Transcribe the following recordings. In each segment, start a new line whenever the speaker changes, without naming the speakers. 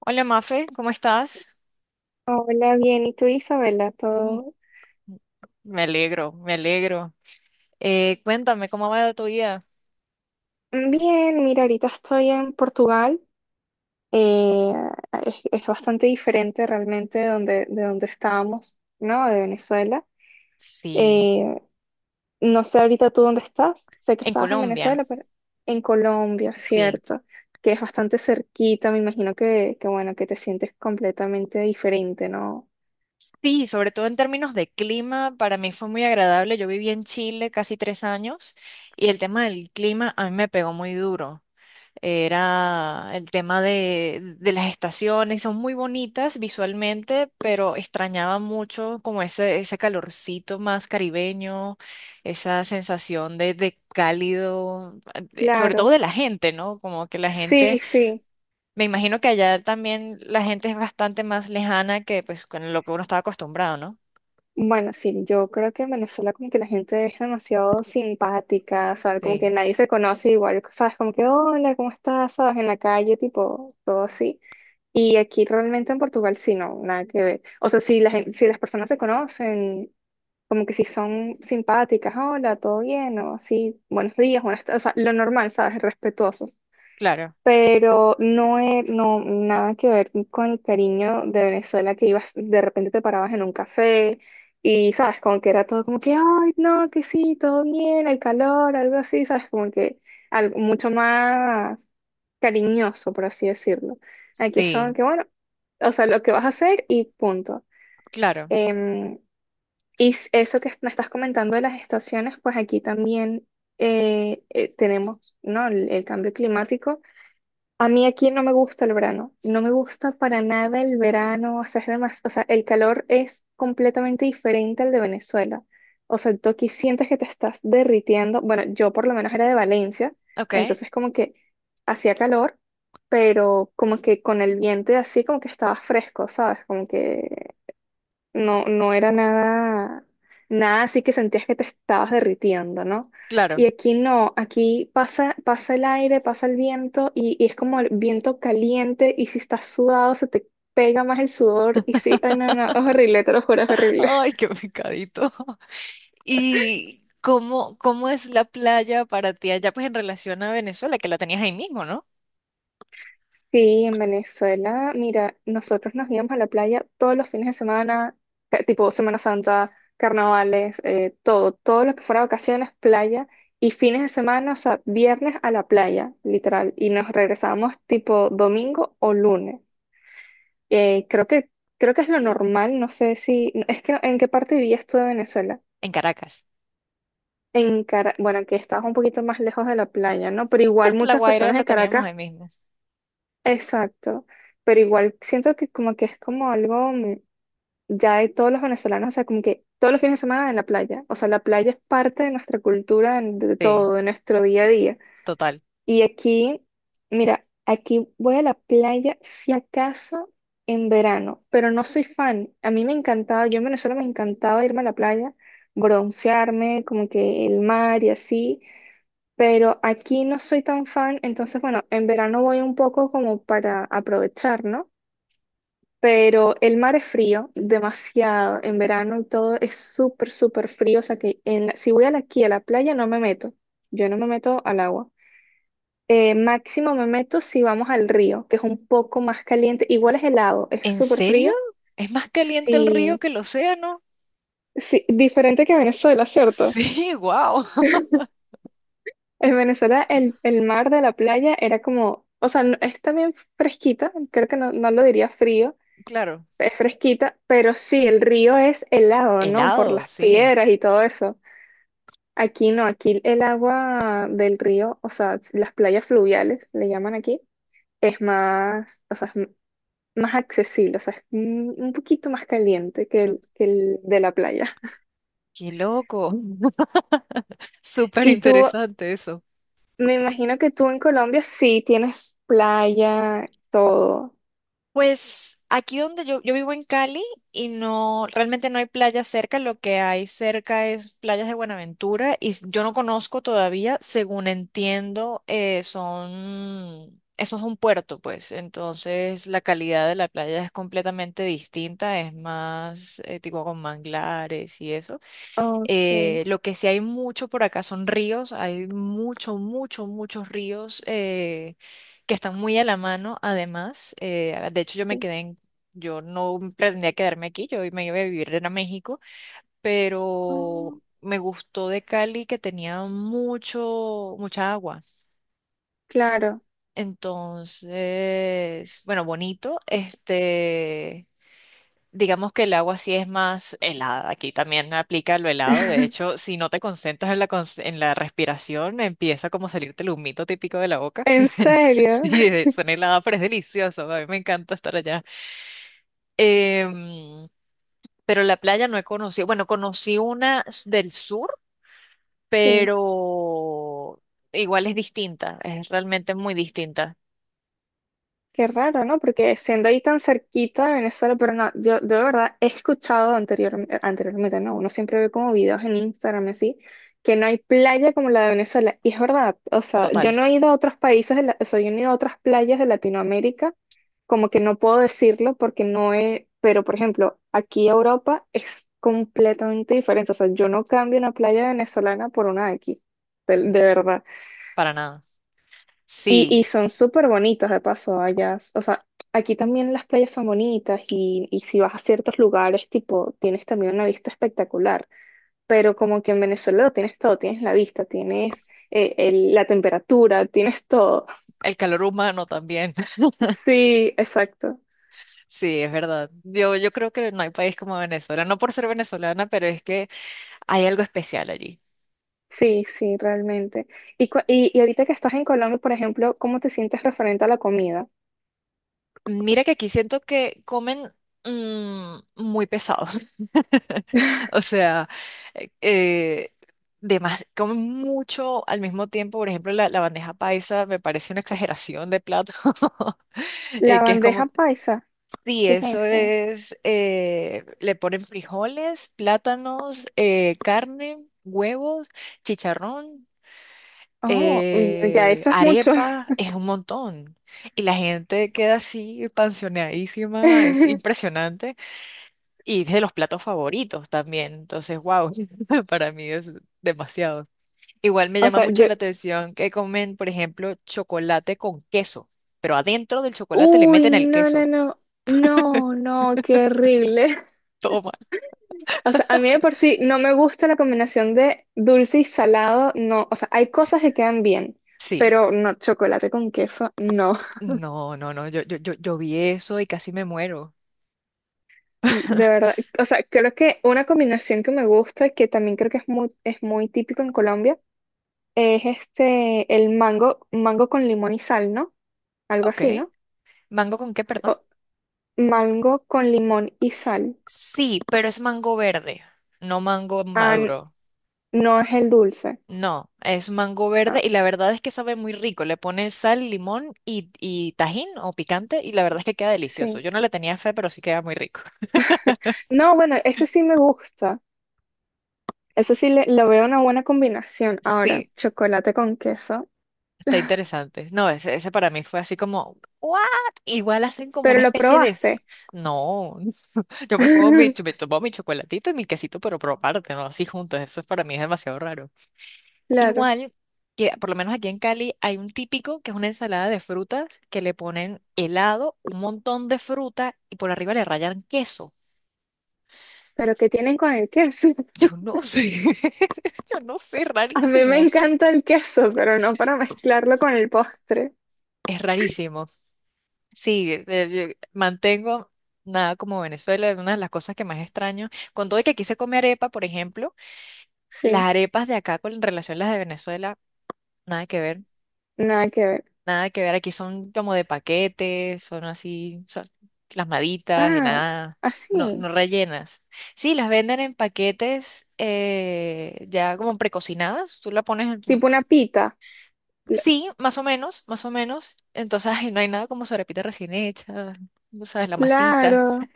Hola Mafe, ¿cómo estás?
Hola, bien. ¿Y tú, Isabela?
Mm,
¿Todo
me alegro, me alegro. Cuéntame, ¿cómo va tu día?
bien? Mira, ahorita estoy en Portugal. Eh, es bastante diferente realmente de donde estábamos, ¿no? De Venezuela.
Sí,
Eh, no sé ahorita tú dónde estás. Sé que
en
estabas en
Colombia,
Venezuela, pero en Colombia,
sí.
¿cierto? Que es bastante cerquita. Me imagino que bueno, que te sientes completamente diferente, ¿no?
Sí, sobre todo en términos de clima, para mí fue muy agradable. Yo viví en Chile casi tres años y el tema del clima a mí me pegó muy duro. Era el tema de las estaciones, son muy bonitas visualmente, pero extrañaba mucho como ese calorcito más caribeño, esa sensación de cálido, sobre todo
Claro.
de la gente, ¿no? Como que la gente,
Sí, sí.
me imagino que allá también la gente es bastante más lejana que pues con lo que uno estaba acostumbrado, ¿no?
Bueno, sí, yo creo que en Venezuela como que la gente es demasiado simpática, ¿sabes? Como que
Sí,
nadie se conoce igual, ¿sabes? Como que, hola, ¿cómo estás? ¿Sabes? En la calle, tipo, todo así. Y aquí realmente en Portugal sí, no, nada que ver. O sea, si, si las personas se conocen, como que si son simpáticas, hola, todo bien, o así, buenos días, buenas tardes, o sea, lo normal, ¿sabes? Respetuoso,
claro,
pero no, no nada que ver con el cariño de Venezuela, que ibas, de repente te parabas en un café y, sabes, como que era todo como que, ay, no, que sí, todo bien, el calor, algo así, sabes, como que algo mucho más cariñoso, por así decirlo. Aquí es como
sí,
que, bueno, o sea, lo que vas a hacer y punto.
claro,
Em, y eso que me estás comentando de las estaciones, pues aquí también tenemos, ¿no?, el cambio climático. A mí aquí no me gusta el verano, no me gusta para nada el verano, o sea, es o sea, el calor es completamente diferente al de Venezuela. O sea, tú aquí sientes que te estás derritiendo. Bueno, yo por lo menos era de Valencia,
ok,
entonces como que hacía calor, pero como que con el viento y así como que estaba fresco, ¿sabes? Como que no, no era nada, nada así que sentías que te estabas derritiendo, ¿no?
claro.
Y aquí no, aquí pasa, pasa el aire, pasa el viento y es como el viento caliente y si estás sudado se te pega más el sudor y sí, ay no, no, es horrible, te lo juro, es horrible.
Ay, qué pecadito. ¿Y cómo, cómo es la playa para ti allá, pues en relación a Venezuela, que la tenías ahí mismo, ¿no?
Sí, en Venezuela, mira, nosotros nos íbamos a la playa todos los fines de semana, tipo Semana Santa, carnavales, todo, todo lo que fuera vacaciones, playa y fines de semana, o sea, viernes a la playa, literal, y nos regresábamos tipo domingo o lunes. Eh, creo que, creo que es lo normal, no sé si, no, es que en qué parte vivías tú de Venezuela.
En Caracas.
Bueno, que estabas un poquito más lejos de la playa, ¿no? Pero igual
Pues La
muchas
Guaira
personas
la
de
teníamos
Caracas.
ahí mismo.
Exacto, pero igual siento que como que es como algo ya de todos los venezolanos, o sea, como que todos los fines de semana en la playa, o sea, la playa es parte de nuestra cultura, de
Sí,
todo, de nuestro día a día.
total.
Y aquí, mira, aquí voy a la playa si acaso en verano, pero no soy fan. A mí me encantaba, yo en Venezuela me encantaba irme a la playa, broncearme, como que el mar y así, pero aquí no soy tan fan, entonces bueno, en verano voy un poco como para aprovechar, ¿no? Pero el mar es frío, demasiado, en verano y todo es súper, súper frío, o sea que si aquí a la playa no me meto, yo no me meto al agua. Máximo me meto si vamos al río, que es un poco más caliente, igual es helado, es
¿En
súper
serio?
frío,
¿Es más caliente el río
sí,
que el océano?
sí, diferente que Venezuela, ¿cierto?
Sí, wow.
En Venezuela el mar de la playa era como, o sea, es también fresquita, creo que no, no lo diría frío,
Claro.
es fresquita, pero sí, el río es helado, ¿no? Por
Helado,
las
sí.
piedras y todo eso. Aquí no, aquí el agua del río, o sea, las playas fluviales, le llaman aquí, es más, o sea, es más accesible, o sea, es un poquito más caliente
No,
que el de la playa.
qué loco. Súper
Y tú,
interesante eso.
me imagino que tú en Colombia sí tienes playa, todo.
Pues aquí donde yo vivo en Cali y no, realmente no hay playa cerca, lo que hay cerca es playas de Buenaventura y yo no conozco todavía, según entiendo, son, eso es un puerto, pues, entonces la calidad de la playa es completamente distinta, es más tipo con manglares y eso.
Ok,
Lo que sí hay mucho por acá son ríos, hay mucho, mucho, muchos ríos que están muy a la mano, además. De hecho, yo me
sí.
quedé en, yo no pretendía quedarme aquí, yo me iba a vivir en México,
Ah,
pero me gustó de Cali que tenía mucho, mucha agua.
claro.
Entonces, bueno, bonito, digamos que el agua sí es más helada. Aquí también no aplica lo helado. De hecho, si no te concentras en en la respiración, empieza como a salirte el humito típico de la boca.
¿En serio?
Sí, suena helada, pero es delicioso. A mí me encanta estar allá. Em, pero la playa no he conocido. Bueno, conocí una del sur,
Sí,
pero igual es distinta. Es realmente muy distinta.
qué raro, ¿no? Porque siendo ahí tan cerquita de Venezuela, pero no, yo de verdad he escuchado anteriormente, ¿no?, uno siempre ve como videos en Instagram y así, que no hay playa como la de Venezuela. Y es verdad, o sea, yo
Total.
no he ido a otros países, o sea, yo no he ido a otras playas de Latinoamérica, como que no puedo decirlo porque no es, pero por ejemplo, aquí Europa es completamente diferente. O sea, yo no cambio una playa venezolana por una de aquí, de
Mm,
verdad.
para nada. Sí,
Y son súper bonitas de paso allá. O sea, aquí también las playas son bonitas y si vas a ciertos lugares, tipo, tienes también una vista espectacular. Pero como que en Venezuela lo tienes todo, tienes la vista, tienes la temperatura, tienes todo.
el calor humano también.
Sí, exacto.
Sí, es verdad. Yo creo que no hay país como Venezuela, no por ser venezolana, pero es que hay algo especial allí.
Sí, sí, realmente. Y, y ahorita que estás en Colombia, por ejemplo, ¿cómo te sientes referente a la comida?
Mira que aquí siento que comen mm, muy pesados. O sea, eh, comen mucho al mismo tiempo. Por ejemplo, la bandeja paisa me parece una exageración de plato.
La
Que es
bandeja
como,
paisa,
sí,
¿qué es
eso
eso?
es, le ponen frijoles, plátanos, carne, huevos, chicharrón.
Oh, mm, ya
Eh,
eso es mucho.
arepa es un montón. Y la gente queda así panzoneadísima, es impresionante. Y es de los platos favoritos también. Entonces, wow, para mí es demasiado. Igual me
O
llama
sea,
mucho
yo,
la atención que comen, por ejemplo, chocolate con queso, pero adentro del chocolate le
uy,
meten el
no, no,
queso.
no, no, no, qué horrible.
Toma.
O sea, a mí de por sí no me gusta la combinación de dulce y salado, no. O sea, hay cosas que quedan bien,
Sí.
pero no, chocolate con queso, no.
No, no, no, yo vi eso y casi me muero.
De verdad, o sea, creo que una combinación que me gusta, que también creo que es muy típico en Colombia, es este, el mango, mango con limón y sal, ¿no? Algo
Ok.
así, ¿no?
¿Mango con qué, perdón?
O mango con limón y sal.
Sí, pero es mango verde, no mango
Ah, n-
maduro.
no es el dulce.
No, es mango
Ah,
verde y la verdad es que sabe muy rico. Le pones sal, limón y tajín o picante y la verdad es que queda delicioso.
sí.
Yo no le tenía fe, pero sí queda muy rico.
No, bueno, ese sí me gusta. Eso sí le, lo veo una buena combinación. Ahora,
Sí,
chocolate con queso.
está interesante. No, ese para mí fue así como, ¿what? Igual hacen como
Pero
una
lo
especie de...
probaste.
No, yo me como me tomo mi chocolatito y mi quesito, pero por aparte, ¿no? Así juntos, eso es para mí es demasiado raro.
Claro.
Igual que por lo menos aquí en Cali hay un típico que es una ensalada de frutas que le ponen helado, un montón de fruta y por arriba le rayan queso.
¿Pero qué tienen con el queso?
Yo no sé, yo no sé,
A mí me
rarísimo.
encanta el queso, pero no para mezclarlo con el postre.
Es rarísimo. Sí, yo mantengo nada como Venezuela, es una de las cosas que más extraño. Con todo y que aquí se come arepa, por ejemplo, las
Sí,
arepas de acá con en relación a las de Venezuela, nada que ver.
nada que ver.
Nada que ver, aquí son como de paquetes, son así, son plasmaditas, en
Ah,
nada, no,
así,
no rellenas. Sí, las venden en paquetes ya como precocinadas, tú la pones en tu...
tipo una pita. L-
Sí, más o menos, más o menos. Entonces, ay, no hay nada como sobrepita recién hecha, no sabes, la masita.
claro,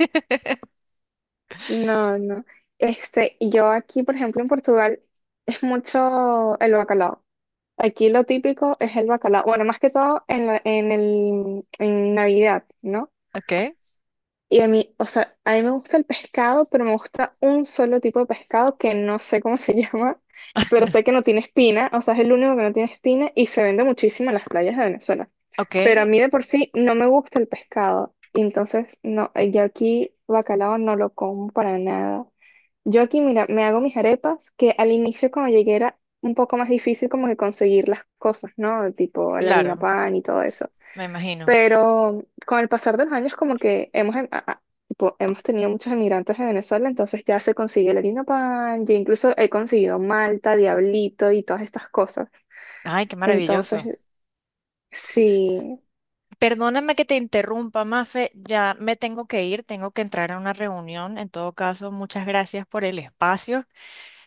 no, no. Este, yo aquí, por ejemplo, en Portugal, es mucho el bacalao. Aquí lo típico es el bacalao. Bueno, más que todo en en el, en Navidad, ¿no?
Ok,
Y a mí, o sea, a mí me gusta el pescado, pero me gusta un solo tipo de pescado que no sé cómo se llama, pero sé que no tiene espina, o sea, es el único que no tiene espina y se vende muchísimo en las playas de Venezuela.
ok,
Pero a mí de por sí no me gusta el pescado, y entonces no, yo aquí bacalao no lo como para nada. Yo aquí, mira, me hago mis arepas, que al inicio cuando llegué era un poco más difícil como que conseguir las cosas, ¿no? Tipo la harina
claro,
pan y todo eso.
me imagino.
Pero con el pasar de los años, como que hemos, tipo, hemos tenido muchos emigrantes de Venezuela, entonces ya se consigue el harina pan, ya incluso he conseguido Malta, Diablito y todas estas cosas.
Ay, qué maravilloso.
Entonces, sí,
Perdóname que te interrumpa, Mafe, ya me tengo que ir, tengo que entrar a una reunión. En todo caso, muchas gracias por el espacio.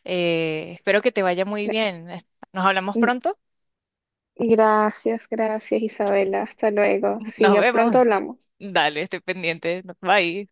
Espero que te vaya muy bien. Nos hablamos
gra-
pronto.
gracias, gracias Isabela, hasta luego. Sí,
Nos
ya pronto
vemos.
hablamos.
Dale, estoy pendiente. Bye.